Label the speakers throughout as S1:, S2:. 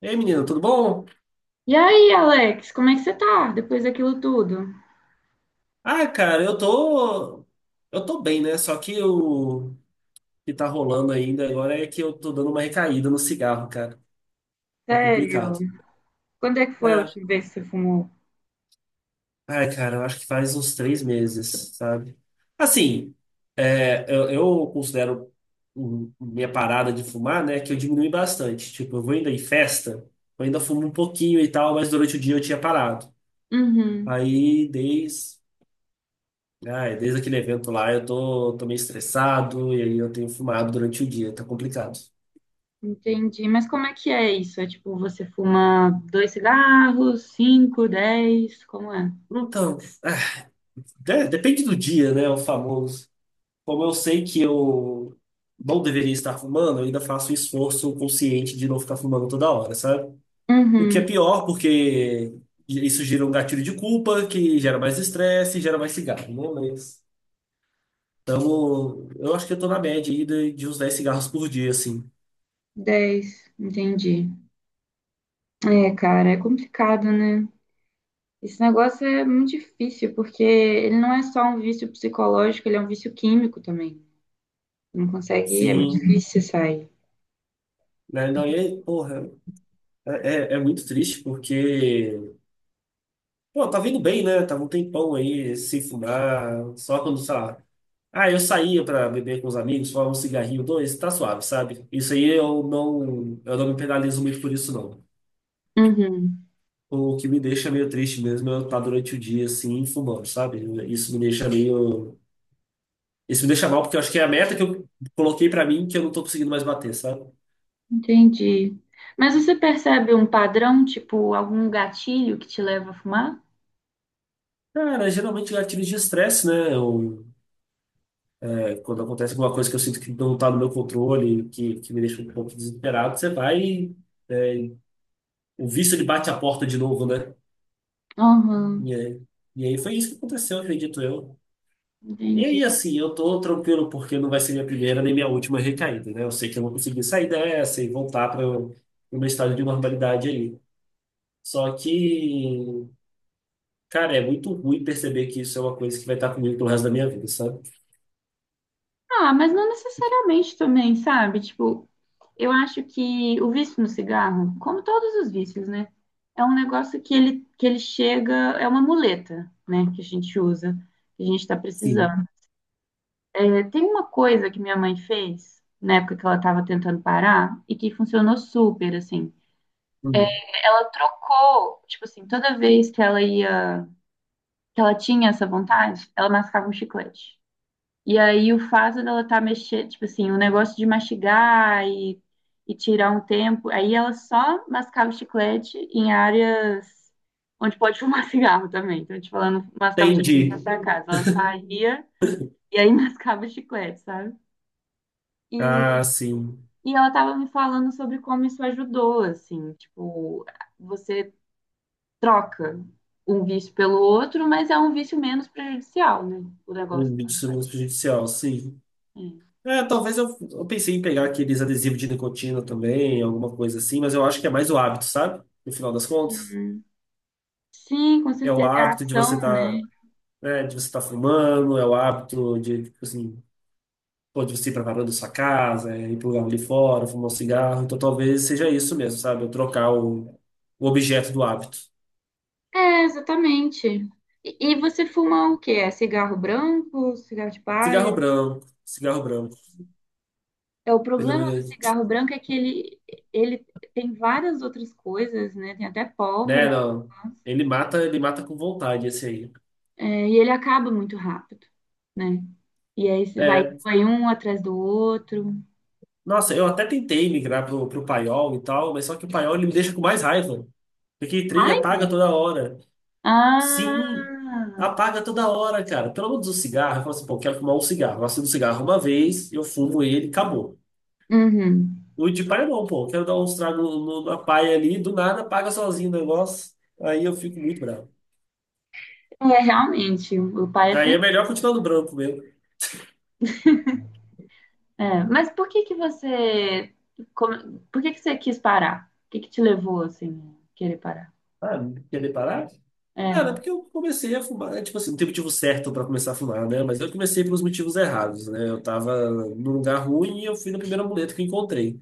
S1: Ei, menino, tudo bom?
S2: E aí, Alex, como é que você tá depois daquilo tudo?
S1: Ah, cara, eu tô. Eu tô bem, né? Só que o que tá rolando ainda agora é que eu tô dando uma recaída no cigarro, cara. Tá
S2: Sério?
S1: complicado.
S2: Quando é que foi a
S1: É.
S2: última vez que você fumou?
S1: Ai, cara, eu acho que faz uns três meses, sabe? Assim, eu considero minha parada de fumar, né, que eu diminui bastante. Tipo, eu vou ainda em festa, eu ainda fumo um pouquinho e tal, mas durante o dia eu tinha parado.
S2: Uhum,
S1: Aí, desde. Ai, desde aquele evento lá eu tô meio estressado e aí eu tenho fumado durante o dia, tá complicado.
S2: entendi. Mas como é que é isso? É tipo, você fuma dois cigarros, cinco, dez? Como é?
S1: Então, ah, depende do dia, né? O famoso. Como eu sei que eu não deveria estar fumando, eu ainda faço o esforço consciente de não ficar fumando toda hora, sabe? O que é
S2: Uhum,
S1: pior, porque isso gera um gatilho de culpa, que gera mais estresse, gera mais cigarro, né? Mas, então, eu acho que eu tô na média aí de uns 10 cigarros por dia, assim.
S2: dez, entendi. É, cara, é complicado, né? Esse negócio é muito difícil, porque ele não é só um vício psicológico, ele é um vício químico também. Não consegue, é muito
S1: Sim,
S2: difícil sair.
S1: né? Não, e aí, porra. É, é muito triste porque, pô, tá vindo bem, né? Tava um tempão aí sem fumar, só quando, sei lá. Ah, eu saía pra beber com os amigos, fumava um cigarrinho, dois, tá suave, sabe? Isso aí eu não me penalizo muito por isso, não.
S2: Uhum.
S1: O que me deixa meio triste mesmo é eu estar durante o dia assim, fumando, sabe? Isso me deixa meio. Isso me deixa mal porque eu acho que é a meta que eu coloquei pra mim que eu não tô conseguindo mais bater, sabe?
S2: Entendi. Mas você percebe um padrão, tipo algum gatilho que te leva a fumar?
S1: Cara, geralmente gatilhos de estresse, né? É, quando acontece alguma coisa que eu sinto que não está no meu controle, que me deixa um pouco desesperado, você vai. É, o vício ele bate a porta de novo, né?
S2: Aham,
S1: E, aí- e aí foi isso que aconteceu, acredito eu. E
S2: entendi.
S1: aí, assim, eu tô tranquilo porque não vai ser minha primeira nem minha última recaída, né? Eu sei que eu vou conseguir sair dessa e voltar para o meu estado de normalidade ali. Só que, cara, é muito ruim perceber que isso é uma coisa que vai estar comigo pelo resto da minha vida, sabe?
S2: Ah, mas não necessariamente também, sabe? Tipo, eu acho que o vício no cigarro, como todos os vícios, né? É um negócio que que ele chega, é uma muleta, né? Que a gente usa, que a gente tá
S1: Sim.
S2: precisando. É, tem uma coisa que minha mãe fez na época que ela tava tentando parar e que funcionou super, assim.
S1: Hum.
S2: Ela trocou, tipo assim, toda vez que ela ia, que ela tinha essa vontade, ela mascava um chiclete. E aí o fato dela tá mexendo, tipo assim, o negócio de mastigar e tirar um tempo, aí ela só mascava o chiclete em áreas onde pode fumar cigarro também. Então, tipo, ela não mascava o chiclete
S1: Entendi.
S2: na casa, ela saía e aí mascava o chiclete, sabe?
S1: Ah,
S2: E,
S1: sim.
S2: e ela tava me falando sobre como isso ajudou, assim, tipo, você troca um vício pelo outro, mas é um vício menos prejudicial, né? O negócio.
S1: Um vídeo sobre prejudicial, sim.
S2: É.
S1: É, talvez eu pensei em pegar aqueles adesivos de nicotina também, alguma coisa assim, mas eu acho que é mais o hábito, sabe? No final das contas.
S2: Sim, com
S1: É o
S2: certeza é a
S1: hábito de
S2: ação,
S1: você
S2: né?
S1: tá, né, de você tá fumando, é o hábito de, tipo assim, pô, de você ir pra varanda da sua casa, é, ir pro lugar ali fora, fumar um cigarro. Então talvez seja isso mesmo, sabe? Eu trocar o objeto do hábito.
S2: É, exatamente. E você fuma o quê? É cigarro branco, cigarro de
S1: Cigarro
S2: palha?
S1: branco, cigarro branco.
S2: É, o
S1: Ele não-
S2: problema do
S1: É.
S2: cigarro branco é que ele tem várias outras coisas, né? Tem até pólvora,
S1: Né, não.
S2: né?
S1: Ele mata com vontade esse aí.
S2: É, e ele acaba muito rápido, né? E aí você vai,
S1: É.
S2: vai um atrás do outro.
S1: Nossa, eu até tentei migrar pro Paiol e tal, mas só que o Paiol ele me deixa com mais raiva. Porque trem
S2: Ai?
S1: apaga toda hora. Sim,
S2: Ah!
S1: apaga toda hora, cara. Pelo menos o cigarro, eu falo assim, pô, quero fumar um cigarro. Eu acendo um cigarro uma vez, eu fumo ele, acabou.
S2: Uhum.
S1: O de paia não, pô, quero dar um tragos na paia ali, do nada apaga sozinho o negócio. Aí eu fico muito bravo.
S2: É, realmente, o pai é
S1: Aí é
S2: tem.
S1: melhor continuar no branco mesmo.
S2: É. Mas por que que você. Por que que você quis parar? O que que te levou, assim, a querer parar?
S1: Ah, quer parar? Cara, é
S2: É.
S1: porque eu comecei a fumar, né? Tipo assim, não tem motivo certo pra começar a fumar, né? Mas eu comecei pelos motivos errados, né? Eu tava num lugar ruim e eu fui na primeira muleta que eu encontrei.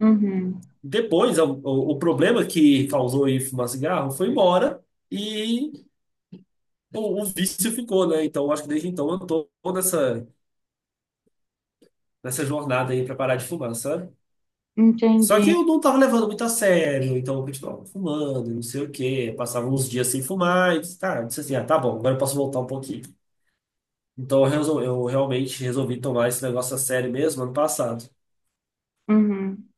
S2: Uhum.
S1: Depois, o problema que causou em fumar cigarro foi embora e o vício ficou, né? Então, eu acho que desde então eu tô nessa, nessa jornada aí pra parar de fumar, sabe? Só
S2: Entendi.
S1: que eu não tava levando muito a sério, então eu continuava fumando, e não sei o quê. Passava uns dias sem fumar e disse, tá, eu disse assim, ah, tá bom, agora eu posso voltar um pouquinho. Então eu realmente resolvi tomar esse negócio a sério mesmo ano passado.
S2: Uhum.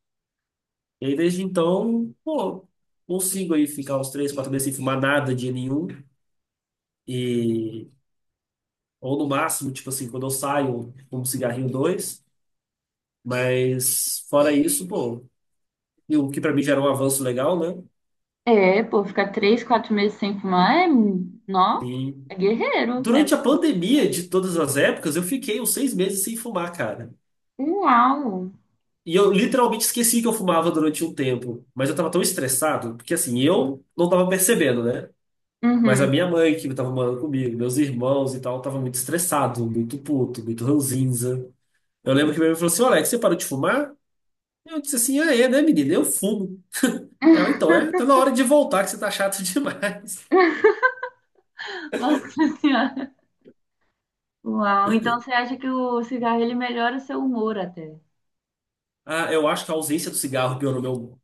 S1: E aí desde então, pô, consigo aí ficar uns três, quatro meses sem fumar nada dia nenhum. E, ou no máximo, tipo assim, quando eu saio, fumo um cigarrinho dois. Mas fora isso, pô, e o que pra mim já era um avanço legal, né?
S2: É, pô, ficar três, quatro meses sem fumar é. Nó,
S1: E
S2: é guerreiro. É...
S1: durante a pandemia de todas as épocas, eu fiquei uns seis meses sem fumar, cara.
S2: Uau!
S1: E eu literalmente esqueci que eu fumava durante um tempo, mas eu tava tão estressado, porque assim, eu não tava percebendo, né? Mas a
S2: Uhum.
S1: minha mãe, que estava morando comigo, meus irmãos e tal, estava muito estressado, muito puto, muito ranzinza. Eu lembro que minha mãe falou assim: "Ô, Alex, você parou de fumar? Eu disse assim: Ah, é, né, menina? Eu fumo. Ela, então, é, tá na hora de voltar, que você tá chato demais.
S2: Nossa Senhora. Uau. Então você acha que o cigarro ele melhora o seu humor até?
S1: Ah, eu acho que a ausência do cigarro piorou meu.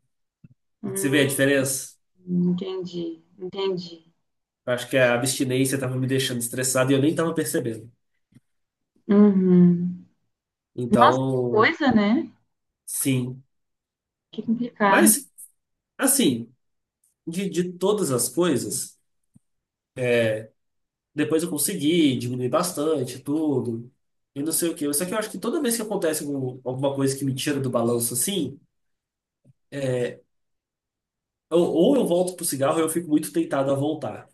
S1: Você vê a
S2: Hum,
S1: diferença?
S2: entendi, entendi.
S1: Eu acho que a abstinência estava me deixando estressado e eu nem estava percebendo.
S2: Uhum. Nossa, que
S1: Então,
S2: coisa, né?
S1: sim.
S2: Que complicado.
S1: Mas, assim, de todas as coisas. Depois eu consegui diminuir bastante tudo. E não sei o quê. Só que eu acho que toda vez que acontece alguma coisa que me tira do balanço assim, ou eu volto pro cigarro ou eu fico muito tentado a voltar.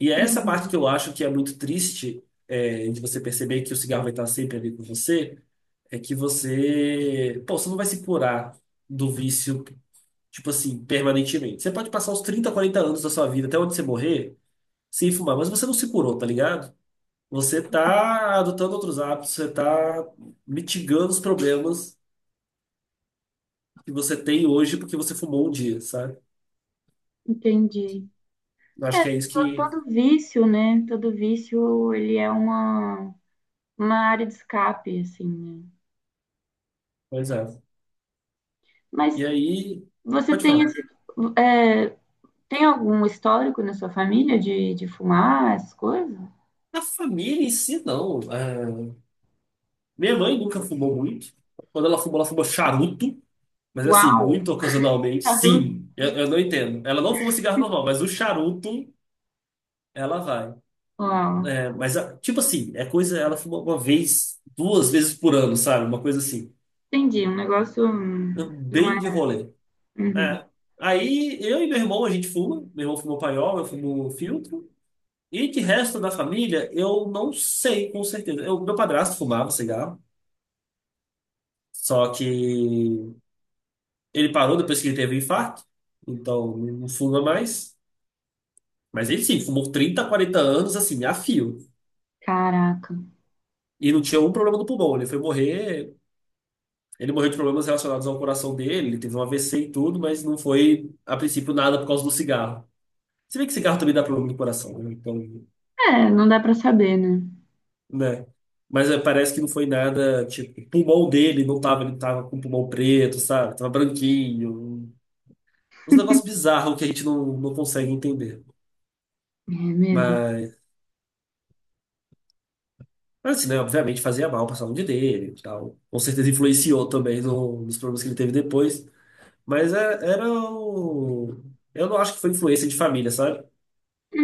S1: E é essa parte
S2: Uhum,
S1: que eu acho que é muito triste, é, de você perceber que o cigarro vai estar sempre ali com você, é que você, pô, você não vai se curar do vício, tipo assim, permanentemente. Você pode passar uns 30, 40 anos da sua vida, até onde você morrer, sem fumar, mas você não se curou, tá ligado? Você está adotando outros hábitos, você está mitigando os problemas que você tem hoje porque você fumou um dia, sabe?
S2: entendi.
S1: Eu acho
S2: É,
S1: que é isso que.
S2: todo vício, né? Todo vício, ele é uma área de escape, assim, né?
S1: Pois é. E
S2: Mas
S1: aí,
S2: você
S1: pode
S2: tem
S1: falar.
S2: esse, é, tem algum histórico na sua família de fumar, essas coisas?
S1: A família em si, não. É, minha mãe nunca fumou muito. Quando ela fumou charuto, mas assim,
S2: Uau!
S1: muito ocasionalmente.
S2: Charuto.
S1: Sim, eu não entendo. Ela não fuma cigarro normal, mas o charuto, ela vai.
S2: Uau!
S1: É, mas, tipo assim, é coisa. Ela fuma uma vez, duas vezes por ano, sabe? Uma coisa assim.
S2: Entendi, um negócio não é...
S1: Bem de rolê.
S2: Uhum.
S1: É. Aí eu e meu irmão, a gente fuma. Meu irmão fumou paiol, eu fumo filtro. E de resto da família, eu não sei com certeza. Eu, meu padrasto fumava cigarro, só que ele parou depois que ele teve um infarto, então não fuma mais. Mas ele sim, fumou 30 40 anos assim, a fio.
S2: Caraca.
S1: E não tinha um problema do pulmão. Ele foi morrer. Ele morreu de problemas relacionados ao coração dele, ele teve um AVC e tudo, mas não foi, a princípio, nada por causa do cigarro. Se bem que cigarro também dá problema no coração, né? Então.
S2: É, não dá pra saber, né?
S1: Né? Mas é, parece que não foi nada, tipo, o pulmão dele não tava, ele tava com o pulmão preto, sabe? Tava branquinho. Uns negócios bizarros que a gente não consegue entender.
S2: É mesmo.
S1: Mas, mas assim, né? Obviamente fazia mal pra saúde dele e tal. Com certeza influenciou também nos problemas que ele teve depois. Mas era o... Eu não acho que foi influência de família, sabe?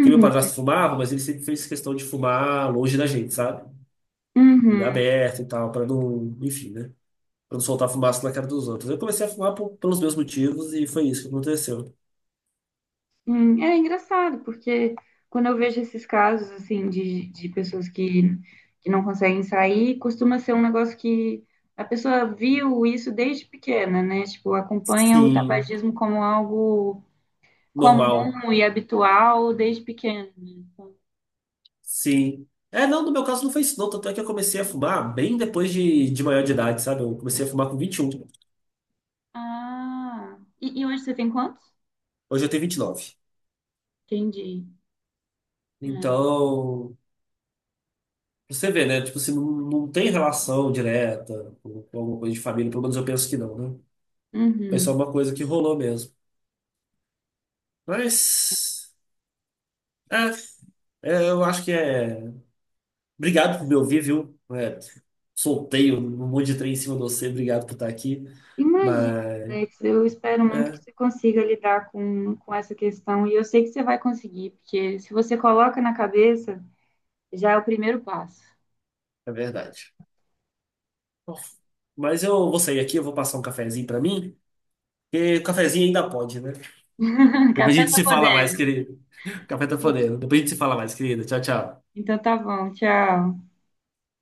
S1: Que meu padrasto fumava, mas ele sempre fez questão de fumar longe da gente, sabe? Lugar
S2: uhum.
S1: aberto e tal, pra não... Enfim, né? Para não soltar fumaça na cara dos outros. Eu comecei a fumar pelos meus motivos e foi isso que aconteceu.
S2: É engraçado, porque quando eu vejo esses casos, assim, de pessoas que não conseguem sair, costuma ser um negócio que a pessoa viu isso desde pequena, né? Tipo, acompanha o
S1: Sim,
S2: tabagismo como algo
S1: normal.
S2: comum e habitual desde pequena, né? Então,
S1: Sim. É, não, no meu caso não foi isso, não. Tanto é que eu comecei a fumar bem depois de maior de idade, sabe? Eu comecei a fumar com 21.
S2: ah, e hoje você tem quantos?
S1: Hoje eu tenho 29.
S2: Entendi. É.
S1: Então, você vê, né? Tipo, assim, não tem relação direta com alguma coisa de família, pelo menos eu penso que não, né? Foi só
S2: Uhum.
S1: uma coisa que rolou mesmo. Mas, é, eu acho que é. Obrigado por me ouvir, viu? É, soltei um monte de trem em cima de você, obrigado por estar aqui.
S2: Imagina,
S1: Mas
S2: Alex, eu espero muito que
S1: é,
S2: você consiga lidar com essa questão e eu sei que você vai conseguir, porque se você coloca na cabeça, já é o primeiro passo.
S1: é verdade. Bom, mas eu vou sair aqui, eu vou passar um cafezinho pra mim, porque o cafezinho ainda pode, né? Depois a
S2: Café
S1: gente
S2: só
S1: se fala mais,
S2: poder.
S1: querido. O café tá fodendo. Depois a gente se fala mais, querida. Tchau, tchau.
S2: Então tá bom, tchau.